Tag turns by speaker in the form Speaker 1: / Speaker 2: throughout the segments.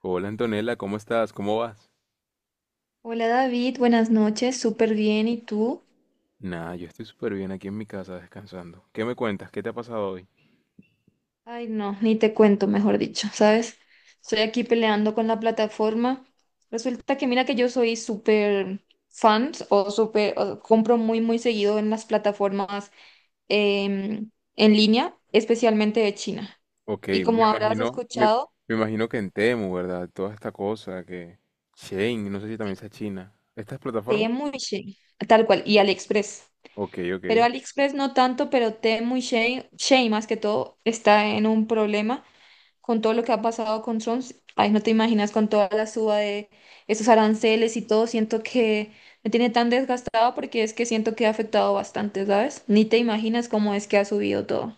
Speaker 1: Hola Antonella, ¿cómo estás? ¿Cómo vas?
Speaker 2: Hola David, buenas noches, súper bien. ¿Y tú?
Speaker 1: Nada, yo estoy súper bien aquí en mi casa descansando. ¿Qué me cuentas? ¿Qué te ha pasado hoy?
Speaker 2: Ay, no, ni te cuento, mejor dicho, ¿sabes? Estoy aquí peleando con la plataforma. Resulta que mira que yo soy súper fan o compro muy, muy seguido en las plataformas em, en línea, especialmente de China.
Speaker 1: Ok,
Speaker 2: Y como habrás escuchado,
Speaker 1: me imagino que en Temu, ¿verdad? Toda esta cosa que... Shane, no sé si también sea China. ¿Estas plataformas?
Speaker 2: Temu y Shein, tal cual, y AliExpress.
Speaker 1: Ok, ok.
Speaker 2: Pero AliExpress no tanto, pero Temu y Shein, Shein más que todo, está en un problema con todo lo que ha pasado con Trump, ay, no te imaginas con toda la suba de esos aranceles y todo, siento que me tiene tan desgastado porque es que siento que ha afectado bastante, ¿sabes? Ni te imaginas cómo es que ha subido todo.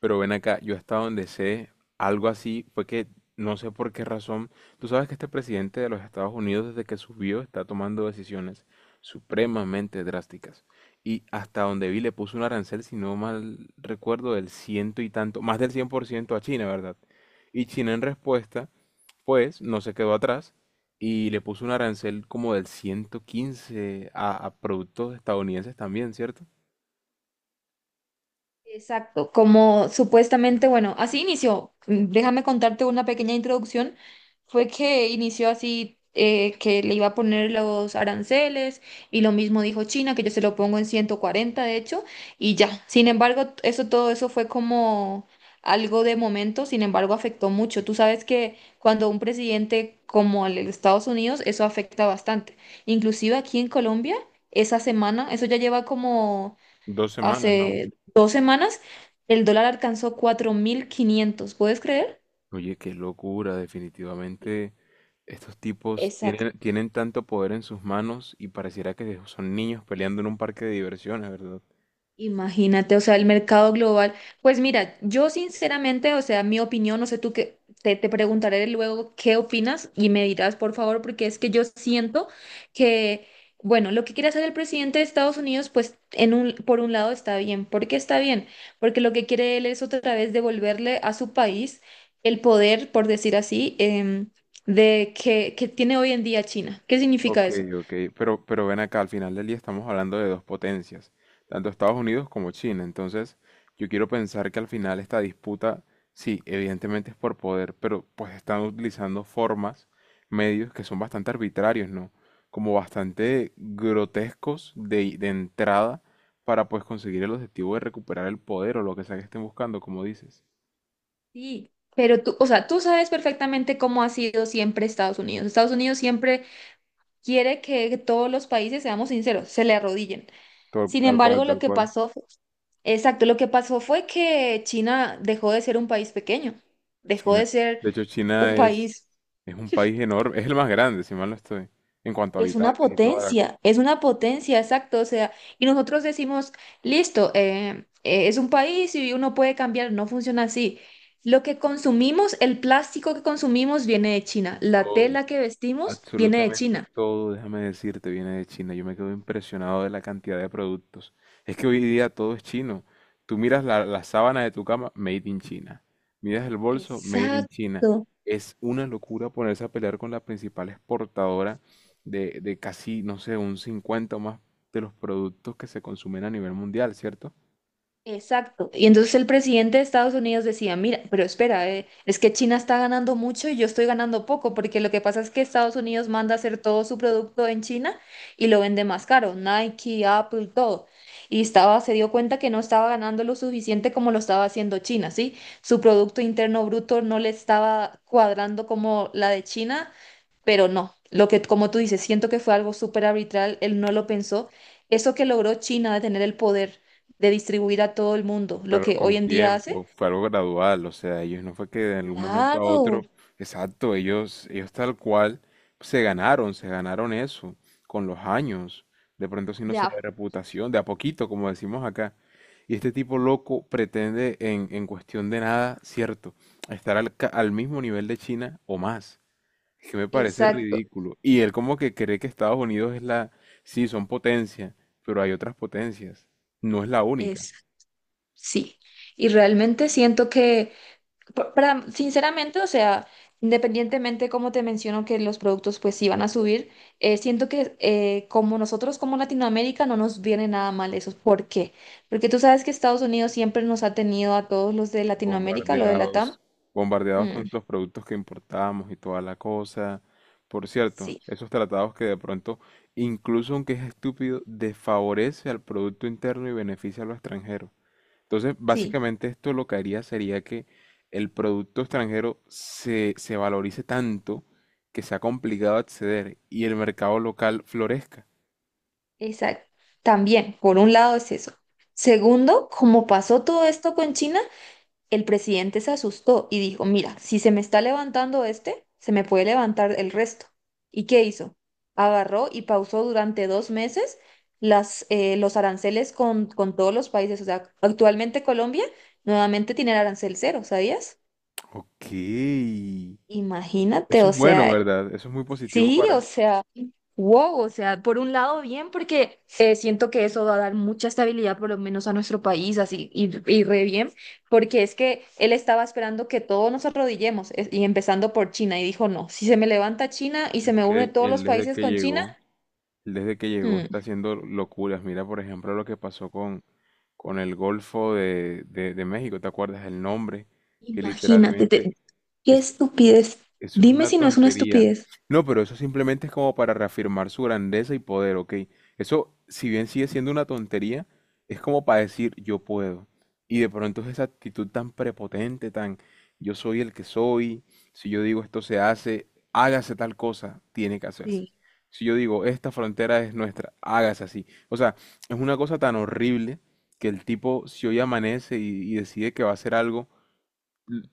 Speaker 1: Pero ven acá, yo hasta donde sé, algo así fue que no sé por qué razón. Tú sabes que este presidente de los Estados Unidos desde que subió está tomando decisiones supremamente drásticas. Y hasta donde vi le puso un arancel, si no mal recuerdo, del ciento y tanto, más del 100% a China, ¿verdad? Y China en respuesta, pues, no se quedó atrás y le puso un arancel como del 115 a productos estadounidenses también, ¿cierto?
Speaker 2: Exacto, como supuestamente, bueno, así inició. Déjame contarte una pequeña introducción. Fue que inició así, que le iba a poner los aranceles y lo mismo dijo China, que yo se lo pongo en 140 de hecho, y ya. Sin embargo, t- eso todo eso fue como algo de momento, sin embargo, afectó mucho. Tú sabes que cuando un presidente como el de Estados Unidos, eso afecta bastante. Inclusive aquí en Colombia, esa semana, eso ya lleva como
Speaker 1: Dos semanas, ¿no?
Speaker 2: hace 2 semanas, el dólar alcanzó 4.500. ¿Puedes creer?
Speaker 1: Oye, qué locura,
Speaker 2: Sí.
Speaker 1: definitivamente estos tipos tienen tanto poder en sus manos y pareciera que son niños peleando en un parque de diversiones, ¿verdad?
Speaker 2: Imagínate, o sea, el mercado global. Pues mira, yo sinceramente, o sea, mi opinión, no sé tú qué, te preguntaré luego qué opinas y me dirás, por favor, porque es que yo siento que, bueno, lo que quiere hacer el presidente de Estados Unidos, pues por un lado está bien. ¿Por qué está bien? Porque lo que quiere él es otra vez devolverle a su país el poder, por decir así, de que tiene hoy en día China. ¿Qué significa
Speaker 1: Ok,
Speaker 2: eso?
Speaker 1: ok, pero ven acá, al final del día estamos hablando de dos potencias, tanto Estados Unidos como China, entonces yo quiero pensar que al final esta disputa, sí, evidentemente es por poder, pero pues están utilizando formas, medios que son bastante arbitrarios, ¿no? Como bastante grotescos de entrada para pues conseguir el objetivo de recuperar el poder o lo que sea que estén buscando, como dices.
Speaker 2: Sí, pero tú, o sea, tú sabes perfectamente cómo ha sido siempre Estados Unidos. Estados Unidos siempre quiere que todos los países, seamos sinceros, se le arrodillen.
Speaker 1: Tal,
Speaker 2: Sin
Speaker 1: tal cual,
Speaker 2: embargo, lo
Speaker 1: tal
Speaker 2: que
Speaker 1: cual.
Speaker 2: pasó, exacto, lo que pasó fue que China dejó de ser un país pequeño, dejó
Speaker 1: China,
Speaker 2: de ser
Speaker 1: de hecho,
Speaker 2: un
Speaker 1: China es...
Speaker 2: país.
Speaker 1: Es un país enorme, es el más grande, si mal no estoy, en cuanto a habitantes y toda la cosa.
Speaker 2: Es una potencia, exacto. O sea, y nosotros decimos, listo, es un país y uno puede cambiar, no funciona así. Lo que consumimos, el plástico que consumimos viene de China, la
Speaker 1: Todo,
Speaker 2: tela que vestimos viene de
Speaker 1: absolutamente
Speaker 2: China.
Speaker 1: todo, déjame decirte, viene de China. Yo me quedo impresionado de la cantidad de productos. Es que hoy día todo es chino. Tú miras la sábana de tu cama, made in China. Miras el bolso, made in China.
Speaker 2: Exacto.
Speaker 1: Es una locura ponerse a pelear con la principal exportadora de casi, no sé, un 50 o más de los productos que se consumen a nivel mundial, ¿cierto?
Speaker 2: Exacto. Y entonces el presidente de Estados Unidos decía, mira, pero espera, es que China está ganando mucho y yo estoy ganando poco, porque lo que pasa es que Estados Unidos manda a hacer todo su producto en China y lo vende más caro, Nike, Apple, todo. Y se dio cuenta que no estaba ganando lo suficiente como lo estaba haciendo China, ¿sí? Su producto interno bruto no le estaba cuadrando como la de China, pero no, lo que, como tú dices, siento que fue algo súper arbitral, él no lo pensó. Eso que logró China de tener el poder de distribuir a todo el mundo,
Speaker 1: Fue
Speaker 2: lo
Speaker 1: algo
Speaker 2: que hoy
Speaker 1: con
Speaker 2: en día hace.
Speaker 1: tiempo, fue algo gradual, o sea, ellos no fue que de algún momento a
Speaker 2: Claro,
Speaker 1: otro, exacto, ellos tal cual se ganaron eso con los años, de pronto si no
Speaker 2: de
Speaker 1: de
Speaker 2: a-
Speaker 1: reputación, de a poquito, como decimos acá. Y este tipo loco pretende en cuestión de nada, cierto, estar al, ca- al mismo nivel de China o más, que me parece
Speaker 2: exacto,
Speaker 1: ridículo. Y él como que cree que Estados Unidos es la, sí, son potencia, pero hay otras potencias, no es la única.
Speaker 2: es, sí. Y realmente siento que para, sinceramente, o sea, independientemente como te menciono que los productos pues sí van a subir, siento que como nosotros como Latinoamérica no nos viene nada mal eso. ¿Por qué? Porque tú sabes que Estados Unidos siempre nos ha tenido a todos los de Latinoamérica, lo de Latam.
Speaker 1: Bombardeados, bombardeados
Speaker 2: Mm,
Speaker 1: con los productos que importábamos y toda la cosa. Por cierto,
Speaker 2: sí,
Speaker 1: esos tratados que de pronto, incluso aunque es estúpido, desfavorece al producto interno y beneficia a lo extranjero. Entonces,
Speaker 2: sí,
Speaker 1: básicamente esto lo que haría sería que el producto extranjero se valorice tanto que sea complicado acceder y el mercado local florezca.
Speaker 2: exacto. También, por un lado es eso. Segundo, como pasó todo esto con China. El presidente se asustó y dijo, mira, si se me está levantando este, se me puede levantar el resto. ¿Y qué hizo? Agarró y pausó durante 2 meses los aranceles con todos los países. O sea, actualmente Colombia nuevamente tiene el arancel cero, ¿sabías?
Speaker 1: Ok.
Speaker 2: Imagínate,
Speaker 1: Eso
Speaker 2: o
Speaker 1: es bueno,
Speaker 2: sea,
Speaker 1: ¿verdad? Eso es muy positivo
Speaker 2: sí,
Speaker 1: para
Speaker 2: o sea... Wow, o sea, por un lado bien, porque siento que eso va a dar mucha estabilidad por lo menos a nuestro país, así, y re bien, porque es que él estaba esperando que todos nos arrodillemos, y empezando por China, y dijo, no, si se me levanta China y se me une
Speaker 1: que
Speaker 2: todos
Speaker 1: él
Speaker 2: los
Speaker 1: desde
Speaker 2: países
Speaker 1: que
Speaker 2: con China,
Speaker 1: llegó. Desde que llegó
Speaker 2: hmm,
Speaker 1: está haciendo locuras. Mira, por ejemplo, lo que pasó con el Golfo de México. ¿Te acuerdas el nombre? Que
Speaker 2: imagínate,
Speaker 1: literalmente
Speaker 2: qué
Speaker 1: es,
Speaker 2: estupidez.
Speaker 1: eso es
Speaker 2: Dime
Speaker 1: una
Speaker 2: si no es una
Speaker 1: tontería.
Speaker 2: estupidez.
Speaker 1: No, pero eso simplemente es como para reafirmar su grandeza y poder, ¿ok? Eso, si bien sigue siendo una tontería, es como para decir yo puedo. Y de pronto es esa actitud tan prepotente, tan yo soy el que soy, si yo digo esto se hace, hágase tal cosa, tiene que hacerse.
Speaker 2: Sí,
Speaker 1: Si yo digo esta frontera es nuestra, hágase así. O sea, es una cosa tan horrible que el tipo, si hoy amanece y decide que va a hacer algo,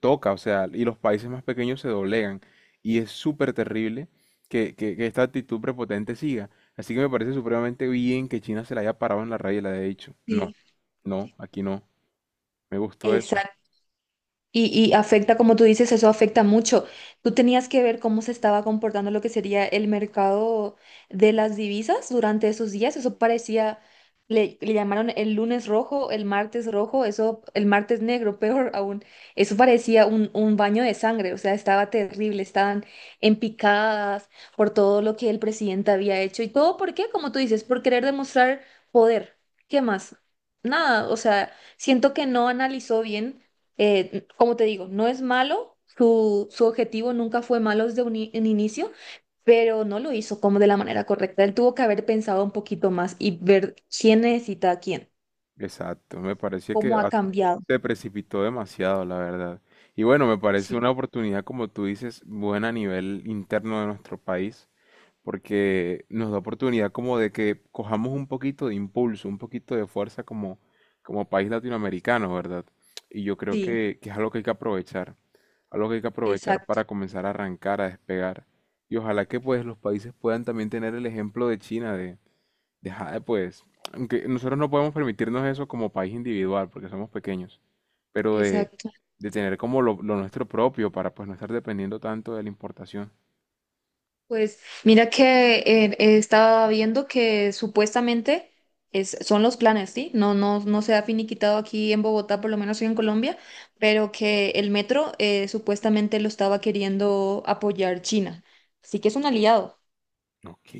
Speaker 1: toca, o sea, y los países más pequeños se doblegan. Y es súper terrible que esta actitud prepotente siga. Así que me parece supremamente bien que China se la haya parado en la raya y le haya dicho, no,
Speaker 2: sí,
Speaker 1: no, aquí no. Me gustó
Speaker 2: sí.
Speaker 1: eso.
Speaker 2: Y afecta, como tú dices, eso afecta mucho. Tú tenías que ver cómo se estaba comportando lo que sería el mercado de las divisas durante esos días. Eso parecía, le llamaron el lunes rojo, el martes rojo, eso, el martes negro, peor aún. Eso parecía un baño de sangre, o sea, estaba terrible, estaban empicadas por todo lo que el presidente había hecho. ¿Y todo por qué? Como tú dices, por querer demostrar poder. ¿Qué más? Nada, o sea, siento que no analizó bien como te digo, no es malo, su objetivo nunca fue malo desde un inicio, pero no lo hizo como de la manera correcta. Él tuvo que haber pensado un poquito más y ver quién necesita a quién,
Speaker 1: Exacto, me parecía que
Speaker 2: cómo ha
Speaker 1: a-
Speaker 2: cambiado.
Speaker 1: se precipitó demasiado, la verdad. Y bueno, me parece
Speaker 2: Sí,
Speaker 1: una oportunidad, como tú dices, buena a nivel interno de nuestro país porque nos da oportunidad como de que cojamos un poquito de impulso, un poquito de fuerza como, como país latinoamericano, ¿verdad? Y yo creo
Speaker 2: sí,
Speaker 1: que es algo que hay que aprovechar, algo que hay que aprovechar
Speaker 2: exacto,
Speaker 1: para comenzar a arrancar, a despegar. Y ojalá que pues los países puedan también tener el ejemplo de China, de "Jade, pues, aunque nosotros no podemos permitirnos eso como país individual, porque somos pequeños, pero
Speaker 2: exacto.
Speaker 1: de tener como lo nuestro propio para pues no estar dependiendo tanto de la importación.
Speaker 2: Pues mira que estaba viendo que supuestamente son los planes, ¿sí? No, no, no se ha finiquitado aquí en Bogotá, por lo menos en Colombia, pero que el metro supuestamente lo estaba queriendo apoyar China. Así que es un aliado,
Speaker 1: Ok.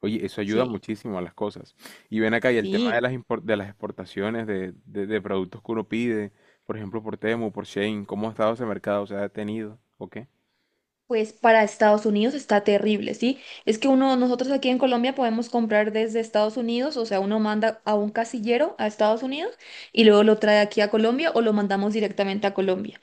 Speaker 1: Oye, eso ayuda
Speaker 2: sí,
Speaker 1: muchísimo a las cosas. Y ven acá, y el tema de
Speaker 2: sí.
Speaker 1: las impor- de las exportaciones de productos que uno pide, por ejemplo, por Temu, por Shein, ¿cómo ha estado ese mercado? ¿Se ha detenido? ¿O qué?
Speaker 2: Pues para Estados Unidos está terrible, ¿sí? Es que uno, nosotros aquí en Colombia podemos comprar desde Estados Unidos, o sea, uno manda a un casillero a Estados Unidos y luego lo trae aquí a Colombia o lo mandamos directamente a Colombia.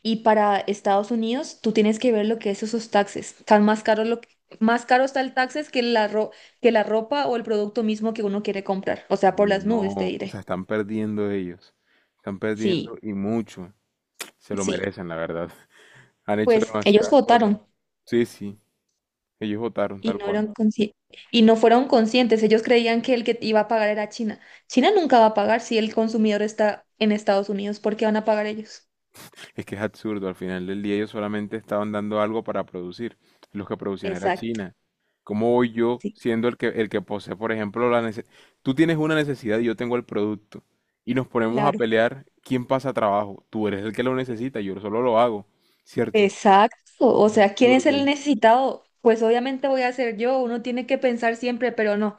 Speaker 2: Y para Estados Unidos, tú tienes que ver lo que es esos taxes. Están más caros lo que- más caro está el taxes que que la ropa o el producto mismo que uno quiere comprar. O sea,
Speaker 1: Uy,
Speaker 2: por las nubes, te
Speaker 1: no, o
Speaker 2: diré.
Speaker 1: sea, están perdiendo ellos. Están
Speaker 2: Sí,
Speaker 1: perdiendo y mucho. Se lo
Speaker 2: sí.
Speaker 1: merecen, la verdad. Han hecho
Speaker 2: Pues ellos
Speaker 1: demasiadas cosas.
Speaker 2: votaron
Speaker 1: Sí, sí, ellos votaron
Speaker 2: y
Speaker 1: tal
Speaker 2: no
Speaker 1: cual.
Speaker 2: eran consci- y no fueron conscientes. Ellos creían que el que iba a pagar era China. China nunca va a pagar si el consumidor está en Estados Unidos, ¿por qué van a pagar ellos?
Speaker 1: Es que es absurdo, al final del día ellos solamente estaban dando algo para producir. Los que producían era
Speaker 2: Exacto,
Speaker 1: China. ¿Cómo voy yo
Speaker 2: sí,
Speaker 1: siendo el que posee, por ejemplo, la necesidad? Tú tienes una necesidad y yo tengo el producto. Y nos ponemos a
Speaker 2: claro.
Speaker 1: pelear quién pasa trabajo. Tú eres el que lo necesita, yo solo lo hago. ¿Cierto?
Speaker 2: Exacto, o sea, ¿quién es el necesitado? Pues obviamente voy a ser yo, uno tiene que pensar siempre, pero no.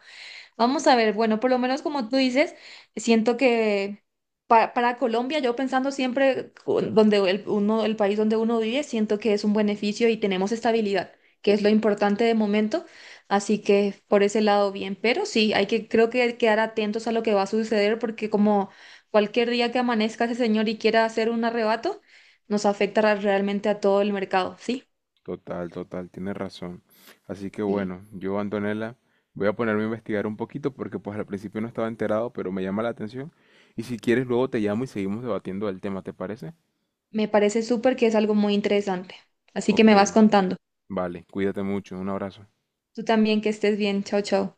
Speaker 2: Vamos a ver, bueno, por lo menos como tú dices, siento que para, Colombia, yo pensando siempre el país donde uno vive, siento que es un beneficio y tenemos estabilidad, que es lo importante de momento. Así que por ese lado bien, pero sí, hay que creo que quedar atentos a lo que va a suceder porque como cualquier día que amanezca ese señor y quiera hacer un arrebato, nos afecta realmente a todo el mercado, ¿sí?
Speaker 1: Total, total, tienes razón. Así que
Speaker 2: Sí.
Speaker 1: bueno, yo, Antonella, voy a ponerme a investigar un poquito porque pues al principio no estaba enterado, pero me llama la atención. Y si quieres, luego te llamo y seguimos debatiendo el tema, ¿te parece?
Speaker 2: Me parece súper que es algo muy interesante. Así que
Speaker 1: Ok,
Speaker 2: me vas contando.
Speaker 1: vale, cuídate mucho, un abrazo.
Speaker 2: Tú también que estés bien. Chao, chao.